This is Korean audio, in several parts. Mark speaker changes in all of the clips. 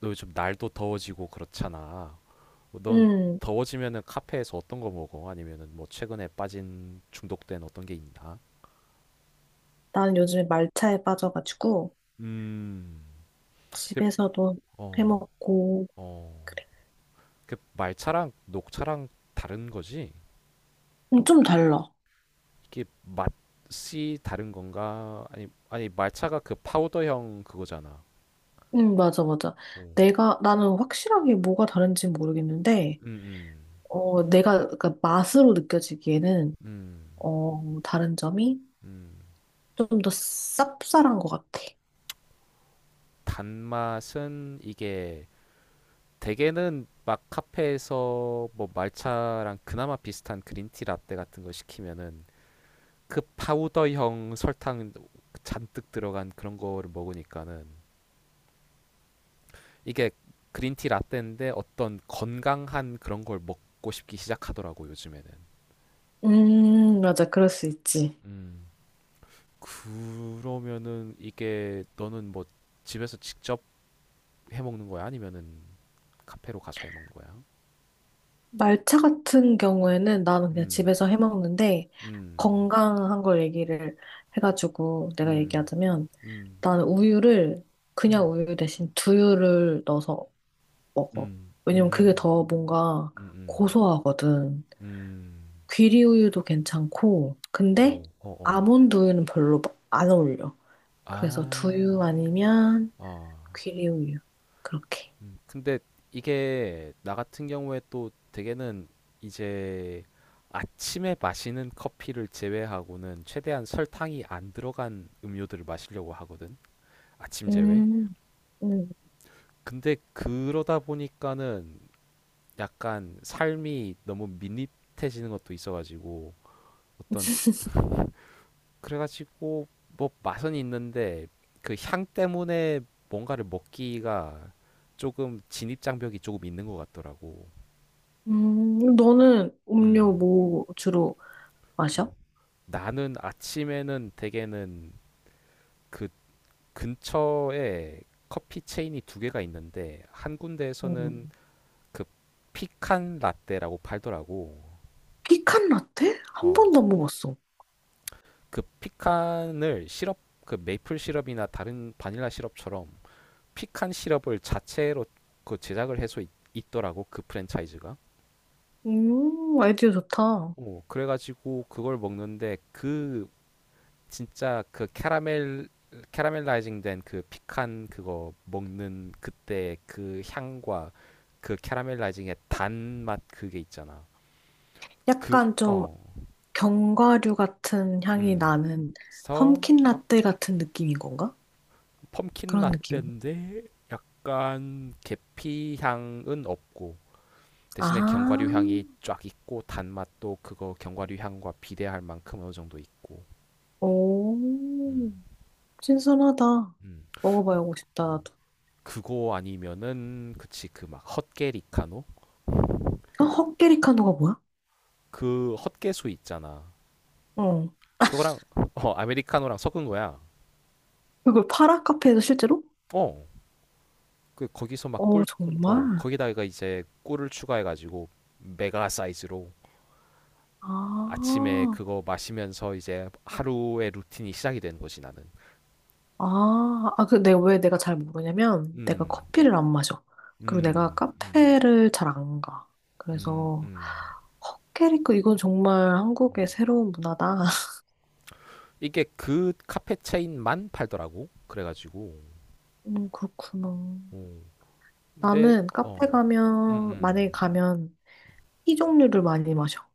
Speaker 1: 너 요즘 날도 더워지고 그렇잖아. 뭐 넌
Speaker 2: 음,
Speaker 1: 더워지면은 카페에서 어떤 거 먹어? 아니면은 뭐 최근에 빠진 중독된 어떤 게 있나?
Speaker 2: 난 요즘에 말차에 빠져가지고
Speaker 1: 음. 그,
Speaker 2: 집에서도
Speaker 1: 어,
Speaker 2: 해먹고
Speaker 1: 어.
Speaker 2: 그래.
Speaker 1: 그 말차랑 녹차랑 다른 거지?
Speaker 2: 좀 달라.
Speaker 1: 이게 맛이 다른 건가? 아니, 아니 말차가 그 파우더형 그거잖아.
Speaker 2: 맞아, 맞아.
Speaker 1: 오.
Speaker 2: 내가 나는 확실하게 뭐가 다른지 모르겠는데,
Speaker 1: 음, 음,
Speaker 2: 내가 그러니까 맛으로 느껴지기에는
Speaker 1: 음,
Speaker 2: 다른 점이
Speaker 1: 음.
Speaker 2: 좀 더 쌉쌀한 것 같아.
Speaker 1: 단맛은 이게 대개는 막 카페에서 뭐 말차랑 그나마 비슷한 그린티 라떼 같은 거 시키면은 그 파우더형 설탕 잔뜩 들어간 그런 거를 먹으니까는 이게 그린티 라떼인데 어떤 건강한 그런 걸 먹고 싶기 시작하더라고 요즘에는.
Speaker 2: 맞아, 그럴 수 있지.
Speaker 1: 음. 그러면은 이게 너는 뭐 집에서 직접 해 먹는 거야? 아니면은 카페로 가서 해 먹는 거야?
Speaker 2: 말차 같은 경우에는 나는 그냥
Speaker 1: 음.
Speaker 2: 집에서 해먹는데
Speaker 1: 음.
Speaker 2: 건강한 걸 얘기를 해가지고 내가
Speaker 1: 음.
Speaker 2: 얘기하자면.
Speaker 1: 음.
Speaker 2: 나는 우유를 그냥
Speaker 1: 음.
Speaker 2: 우유 대신 두유를 넣어서 먹어.
Speaker 1: 음.
Speaker 2: 왜냐면 그게
Speaker 1: 음.
Speaker 2: 더 뭔가
Speaker 1: 음음.
Speaker 2: 고소하거든.
Speaker 1: 음.
Speaker 2: 귀리 우유도 괜찮고, 근데
Speaker 1: 오, 어 어어.
Speaker 2: 아몬드 우유는 별로 안 어울려. 그래서
Speaker 1: 아.
Speaker 2: 두유 아니면
Speaker 1: 어.
Speaker 2: 귀리 우유. 그렇게.
Speaker 1: 음. 근데 이게 나 같은 경우에 또 대개는 이제 아침에 마시는 커피를 제외하고는 최대한 설탕이 안 들어간 음료들을 마시려고 하거든. 아침 제외.
Speaker 2: 음, 음,
Speaker 1: 근데 그러다 보니까는 약간 삶이 너무 밋밋해지는 것도 있어가지고 어떤 그래가지고 뭐 맛은 있는데 그 향 때문에 뭔가를 먹기가 조금 진입 장벽이 조금 있는 것 같더라고.
Speaker 2: 너는 음료
Speaker 1: 음.
Speaker 2: 뭐 주로
Speaker 1: 음.
Speaker 2: 마셔?
Speaker 1: 나는 아침에는 대개는 그 근처에 커피 체인이 두 개가 있는데 한 군데에서는
Speaker 2: 음.
Speaker 1: 그 피칸 라떼라고 팔더라고.
Speaker 2: 피칸 라떼? 한
Speaker 1: 어.
Speaker 2: 번도 안 먹었어.
Speaker 1: 그 피칸을 시럽 그 메이플 시럽이나 다른 바닐라 시럽처럼 피칸 시럽을 자체로 그 제작을 해서 있더라고 그 프랜차이즈가.
Speaker 2: 아이디어 좋다.
Speaker 1: 어, 그래가지고 그걸 먹는데 그 진짜 그 캐러멜 캐러멜라이징 된 그 피칸 그거 먹는 그때 그 향과 그 캐러멜라이징의 단맛 그게 있잖아. 그
Speaker 2: 약간 좀
Speaker 1: 어.
Speaker 2: 견과류 같은 향이
Speaker 1: 음.
Speaker 2: 나는
Speaker 1: 그래서
Speaker 2: 펌킨 라떼 같은 느낌인 건가?
Speaker 1: 펌킨
Speaker 2: 그런 느낌.
Speaker 1: 라떼인데 약간 계피 향은 없고 대신에
Speaker 2: 아,
Speaker 1: 견과류 향이 쫙 있고 단맛도 그거 견과류 향과 비례할 만큼 어느 정도 있고 음.
Speaker 2: 오, 신선하다.
Speaker 1: 음.
Speaker 2: 먹어봐야고 싶다,
Speaker 1: 어.
Speaker 2: 나도.
Speaker 1: 그거 아니면은 그치 그 막 헛개리카노
Speaker 2: 어, 헛개리카노가 뭐야?
Speaker 1: 그 헛개수 있잖아
Speaker 2: 어.
Speaker 1: 그거랑 어 아메리카노랑 섞은 거야
Speaker 2: 그걸 팔아? 카페에서 실제로?
Speaker 1: 어 그 거기서 막 꿀
Speaker 2: 어, 정말?
Speaker 1: 어 거기다가 이제 꿀을 추가해가지고 메가 사이즈로 아침에
Speaker 2: 아,
Speaker 1: 그거 마시면서 이제 하루의 루틴이 시작이 되는 거지 나는.
Speaker 2: 아, 아, 그 내가 왜 내가 잘 모르냐면 내가
Speaker 1: 음.
Speaker 2: 커피를 안 마셔. 그리고 내가
Speaker 1: 음, 음,
Speaker 2: 카페를 잘 안 가.
Speaker 1: 음,
Speaker 2: 그래서
Speaker 1: 음,
Speaker 2: 헛개리카 이건 정말
Speaker 1: 음.
Speaker 2: 한국의 새로운 문화다.
Speaker 1: 이게 그 카페 체인만 팔더라고. 그래가지고.
Speaker 2: 그렇구나.
Speaker 1: 어. 근데
Speaker 2: 나는 카페
Speaker 1: 어. 음.
Speaker 2: 가면, 만약에
Speaker 1: 음.
Speaker 2: 가면 티 종류를 많이 마셔.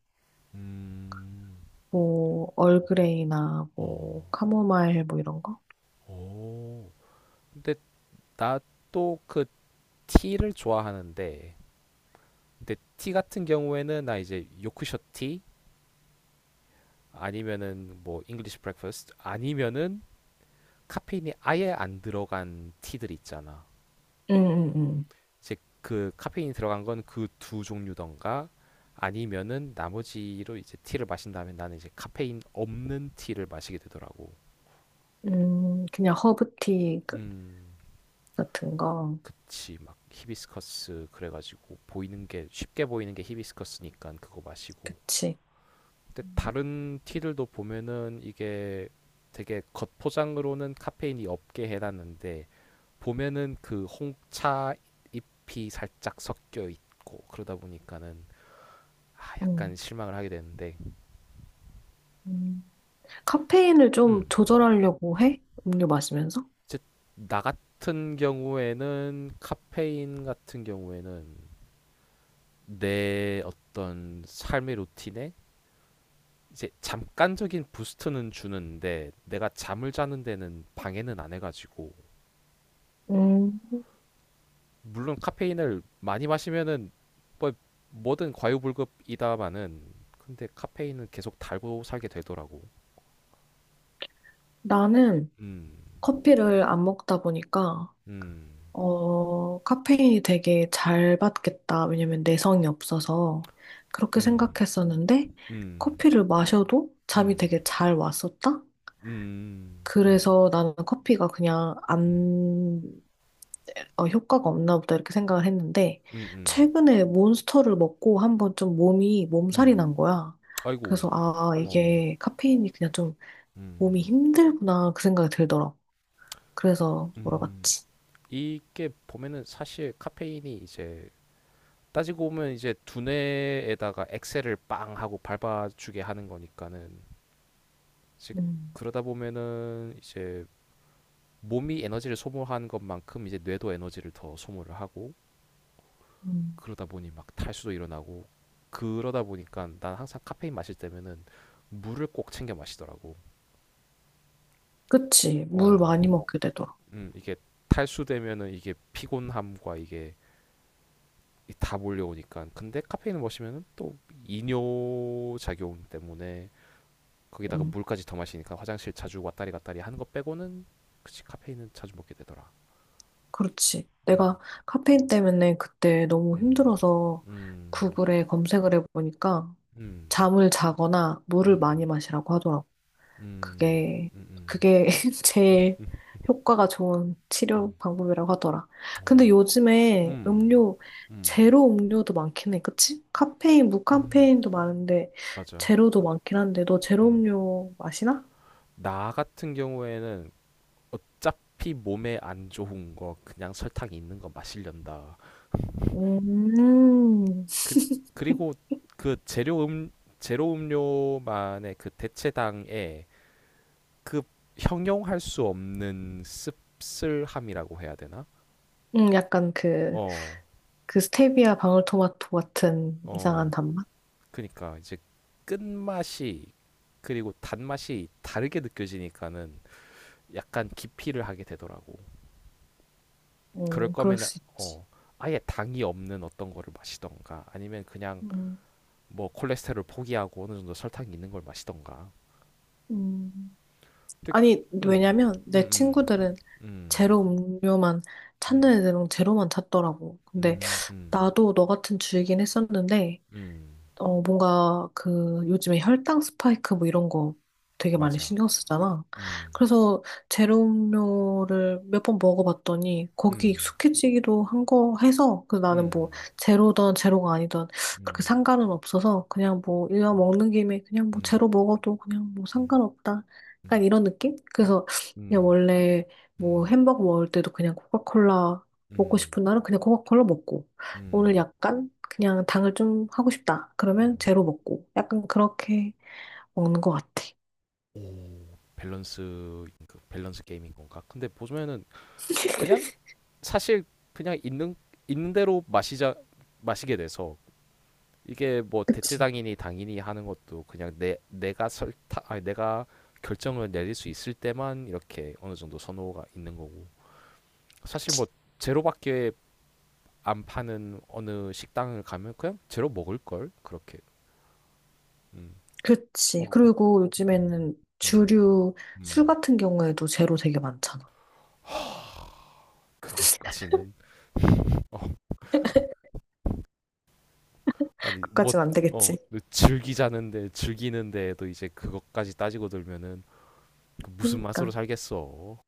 Speaker 1: 음.
Speaker 2: 뭐,
Speaker 1: 어.
Speaker 2: 얼그레이나 뭐,
Speaker 1: 어.
Speaker 2: 카모마일 뭐 이런 거?
Speaker 1: 근데 나 또 그 티를 좋아하는데 근데 티 같은 경우에는 나 이제 요크셔 티 아니면은 뭐 잉글리시 브렉퍼스트 아니면은 카페인이 아예 안 들어간 티들 있잖아.
Speaker 2: 응, 응, 응.
Speaker 1: 이제 그 카페인이 들어간 건 그 두 종류던가 아니면은 나머지로 이제 티를 마신 다음에 나는 이제 카페인 없는 티를 마시게 되더라고.
Speaker 2: 그냥 허브티
Speaker 1: 음,
Speaker 2: 같은 거.
Speaker 1: 그치. 막 히비스커스 그래가지고 보이는 게 쉽게 보이는 게 히비스커스니까 그거 마시고.
Speaker 2: 그치.
Speaker 1: 근데
Speaker 2: 음.
Speaker 1: 다른 티들도 보면은 이게 되게 겉포장으로는 카페인이 없게 해놨는데 보면은 그 홍차 잎이 살짝 섞여 있고 그러다 보니까는 아, 약간
Speaker 2: 음.
Speaker 1: 실망을 하게 되는데.
Speaker 2: 음. 카페인을 좀
Speaker 1: 음.
Speaker 2: 조절하려고 해? 음료 마시면서?
Speaker 1: 이제 나 같은 경우에는 카페인 같은 경우에는 내 어떤 삶의 루틴에 이제 잠깐적인 부스트는 주는데 내가 잠을 자는 데는 방해는 안 해가지고
Speaker 2: 음.
Speaker 1: 물론 카페인을 많이 마시면은 뭐 뭐든 과유불급이다마는 근데 카페인은 계속 달고 살게 되더라고.
Speaker 2: 나는
Speaker 1: 음.
Speaker 2: 커피를 안 먹다 보니까
Speaker 1: 음.
Speaker 2: 카페인이 되게 잘 받겠다. 왜냐면 내성이 없어서 그렇게
Speaker 1: 음.
Speaker 2: 생각했었는데
Speaker 1: 음.
Speaker 2: 커피를 마셔도 잠이
Speaker 1: 음.
Speaker 2: 되게 잘 왔었다?
Speaker 1: 음. 음.
Speaker 2: 그래서 나는 커피가 그냥
Speaker 1: 음.
Speaker 2: 안, 어, 효과가 없나 보다 이렇게 생각을 했는데
Speaker 1: 음. 음.
Speaker 2: 최근에 몬스터를 먹고 한번 좀 몸이 몸살이
Speaker 1: 음.
Speaker 2: 난 거야.
Speaker 1: 아이고,
Speaker 2: 그래서 아,
Speaker 1: 어,
Speaker 2: 이게 카페인이 그냥 좀
Speaker 1: 음,
Speaker 2: 몸이 힘들구나 그 생각이 들더라.
Speaker 1: 이-
Speaker 2: 그래서
Speaker 1: 음,
Speaker 2: 물어봤지.
Speaker 1: 이게 보면은 사실 카페인이 이제 따지고 보면 이제 두뇌에다가 엑셀을 빵 하고 밟아주게 하는 거니까는 이제
Speaker 2: 음,
Speaker 1: 그러다 보면은 이제 몸이 에너지를 소모한 것만큼 이제 뇌도 에너지를 더 소모를 하고
Speaker 2: 음.
Speaker 1: 그러다 보니 막 탈수도 일어나고 그러다 보니까 난 항상 카페인 마실 때면은 물을 꼭 챙겨 마시더라고.
Speaker 2: 그치. 물
Speaker 1: 어,
Speaker 2: 많이 먹게 되더라.
Speaker 1: 이게 탈수되면은 이게 피곤함과 이게 다 몰려오니까. 근데 카페인을 마시면 또 이뇨 작용 때문에 거기다가
Speaker 2: 음,
Speaker 1: 물까지 더 마시니까 화장실 자주 왔다리 갔다리 하는 거 빼고는 카페인은 자주 먹게 되더라.
Speaker 2: 그렇지.
Speaker 1: 음,
Speaker 2: 내가 카페인 때문에 그때 너무
Speaker 1: 음,
Speaker 2: 힘들어서
Speaker 1: 음,
Speaker 2: 구글에 검색을 해보니까
Speaker 1: 음,
Speaker 2: 잠을 자거나 물을
Speaker 1: 음,
Speaker 2: 많이 마시라고 하더라고.
Speaker 1: 음,
Speaker 2: 그게,
Speaker 1: 음, 음,
Speaker 2: 그게
Speaker 1: 음,
Speaker 2: 제일 효과가 좋은 치료
Speaker 1: 음,
Speaker 2: 방법이라고 하더라. 근데
Speaker 1: 오.
Speaker 2: 요즘에
Speaker 1: 음,
Speaker 2: 음료,
Speaker 1: 음,
Speaker 2: 제로 음료도 많긴 해. 그치? 카페인,
Speaker 1: 음.
Speaker 2: 무카페인도 많은데,
Speaker 1: 맞아.
Speaker 2: 제로도 많긴 한데, 너 제로
Speaker 1: 음.
Speaker 2: 음료 마시나?
Speaker 1: 나 같은 경우에는 어차피 몸에 안 좋은 거 그냥 설탕 있는 거 마시련다.
Speaker 2: 음,
Speaker 1: 그리, 그리고 그 재료 제로 음료만의 그 대체당에 그 형용할 수 없는 씁쓸함이라고 해야 되나?
Speaker 2: 약간 그,
Speaker 1: 어,
Speaker 2: 그 스테비아 방울토마토 같은 이상한
Speaker 1: 어,
Speaker 2: 단맛?
Speaker 1: 그러니까 이제 끝맛이 그리고 단맛이 다르게 느껴지니까는 약간 기피를 하게 되더라고. 그럴
Speaker 2: 그럴
Speaker 1: 거면
Speaker 2: 수 있지.
Speaker 1: 어 아예 당이 없는 어떤 거를 마시던가 아니면 그냥
Speaker 2: 음,
Speaker 1: 뭐 콜레스테롤 포기하고 어느 정도 설탕이 있는 걸 마시던가.
Speaker 2: 음.
Speaker 1: 근데
Speaker 2: 아니,
Speaker 1: 음,
Speaker 2: 왜냐면
Speaker 1: 음,
Speaker 2: 내
Speaker 1: 음.
Speaker 2: 친구들은
Speaker 1: 음,
Speaker 2: 제로 음료만
Speaker 1: 음,
Speaker 2: 찾는 애들은 제로만 찾더라고. 근데
Speaker 1: 음, 음,
Speaker 2: 나도 너 같은 주이긴 했었는데,
Speaker 1: 음,
Speaker 2: 어, 뭔가 그 요즘에 혈당 스파이크 뭐 이런 거 되게 많이
Speaker 1: 맞아.
Speaker 2: 신경 쓰잖아.
Speaker 1: 음,
Speaker 2: 그래서 제로 음료를 몇 번 먹어봤더니 거기
Speaker 1: 음,
Speaker 2: 익숙해지기도 한 거 해서 그 나는 뭐
Speaker 1: 음,
Speaker 2: 제로든 제로가 아니든 그렇게
Speaker 1: 음,
Speaker 2: 상관은 없어서 그냥 뭐 이왕 먹는 김에 그냥 뭐
Speaker 1: 음,
Speaker 2: 제로 먹어도 그냥 뭐
Speaker 1: 음,
Speaker 2: 상관없다.
Speaker 1: 음,
Speaker 2: 약간
Speaker 1: 음,
Speaker 2: 이런 느낌? 그래서 그냥
Speaker 1: 음,
Speaker 2: 원래 뭐 햄버거 먹을 때도 그냥 코카콜라 먹고
Speaker 1: 음,
Speaker 2: 싶은 날은 그냥 코카콜라 먹고 오늘
Speaker 1: 음,
Speaker 2: 약간 그냥 당을 좀 하고 싶다. 그러면
Speaker 1: 음.
Speaker 2: 제로 먹고. 약간 그렇게 먹는 것 같아.
Speaker 1: 오, 밸런스, 그 밸런스 게임인 건가? 근데 보면은 그냥 사실 그냥 있는 대로 마시자 마시게 돼서 이게 뭐 대체당인이 당인이 하는 것도 그냥 내 내가 설타 아니 내가 결정을 내릴 수 있을 때만 이렇게 어느 정도 선호가 있는 거고 사실 뭐 제로밖에 안 파는 어느 식당을 가면 그냥 제로 먹을 걸 그렇게. 음.
Speaker 2: 그치.
Speaker 1: 어,
Speaker 2: 그리고
Speaker 1: 음,
Speaker 2: 요즘에는
Speaker 1: 음,
Speaker 2: 주류 술
Speaker 1: 음.
Speaker 2: 같은 경우에도 제로 되게 많잖아.
Speaker 1: 하, 그것까지는 어, 아니
Speaker 2: 그까진 안
Speaker 1: 뭐어
Speaker 2: 되겠지.
Speaker 1: 즐기자는데 즐기는데도 이제 그것까지 따지고 들면은 그 무슨 맛으로
Speaker 2: 그러니까.
Speaker 1: 살겠어.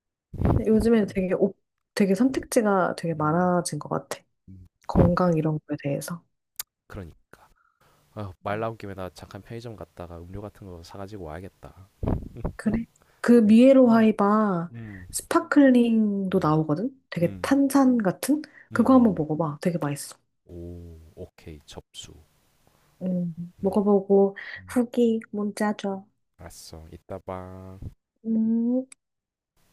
Speaker 2: 요즘에는 되게 선택지가 되게
Speaker 1: 음,
Speaker 2: 많아진 것 같아.
Speaker 1: 음.
Speaker 2: 건강 이런 거에 대해서.
Speaker 1: 그러니까. 아, 말
Speaker 2: 음.
Speaker 1: 나온 김에 나 잠깐 편의점 갔다가 음료 같은 거 사가지고 와야겠다.
Speaker 2: 그래. 그
Speaker 1: 네.
Speaker 2: 미에로
Speaker 1: 음,
Speaker 2: 하이바
Speaker 1: 음,
Speaker 2: 스파클링도
Speaker 1: 음,
Speaker 2: 나오거든? 되게
Speaker 1: 음,
Speaker 2: 탄산 같은? 그거 한번
Speaker 1: 음.
Speaker 2: 먹어봐. 되게 맛있어.
Speaker 1: 오, 오케이, 접수.
Speaker 2: 음,
Speaker 1: 음,
Speaker 2: 먹어보고
Speaker 1: 음.
Speaker 2: 후기 문자 줘.
Speaker 1: 알았어. 이따 봐.
Speaker 2: 음.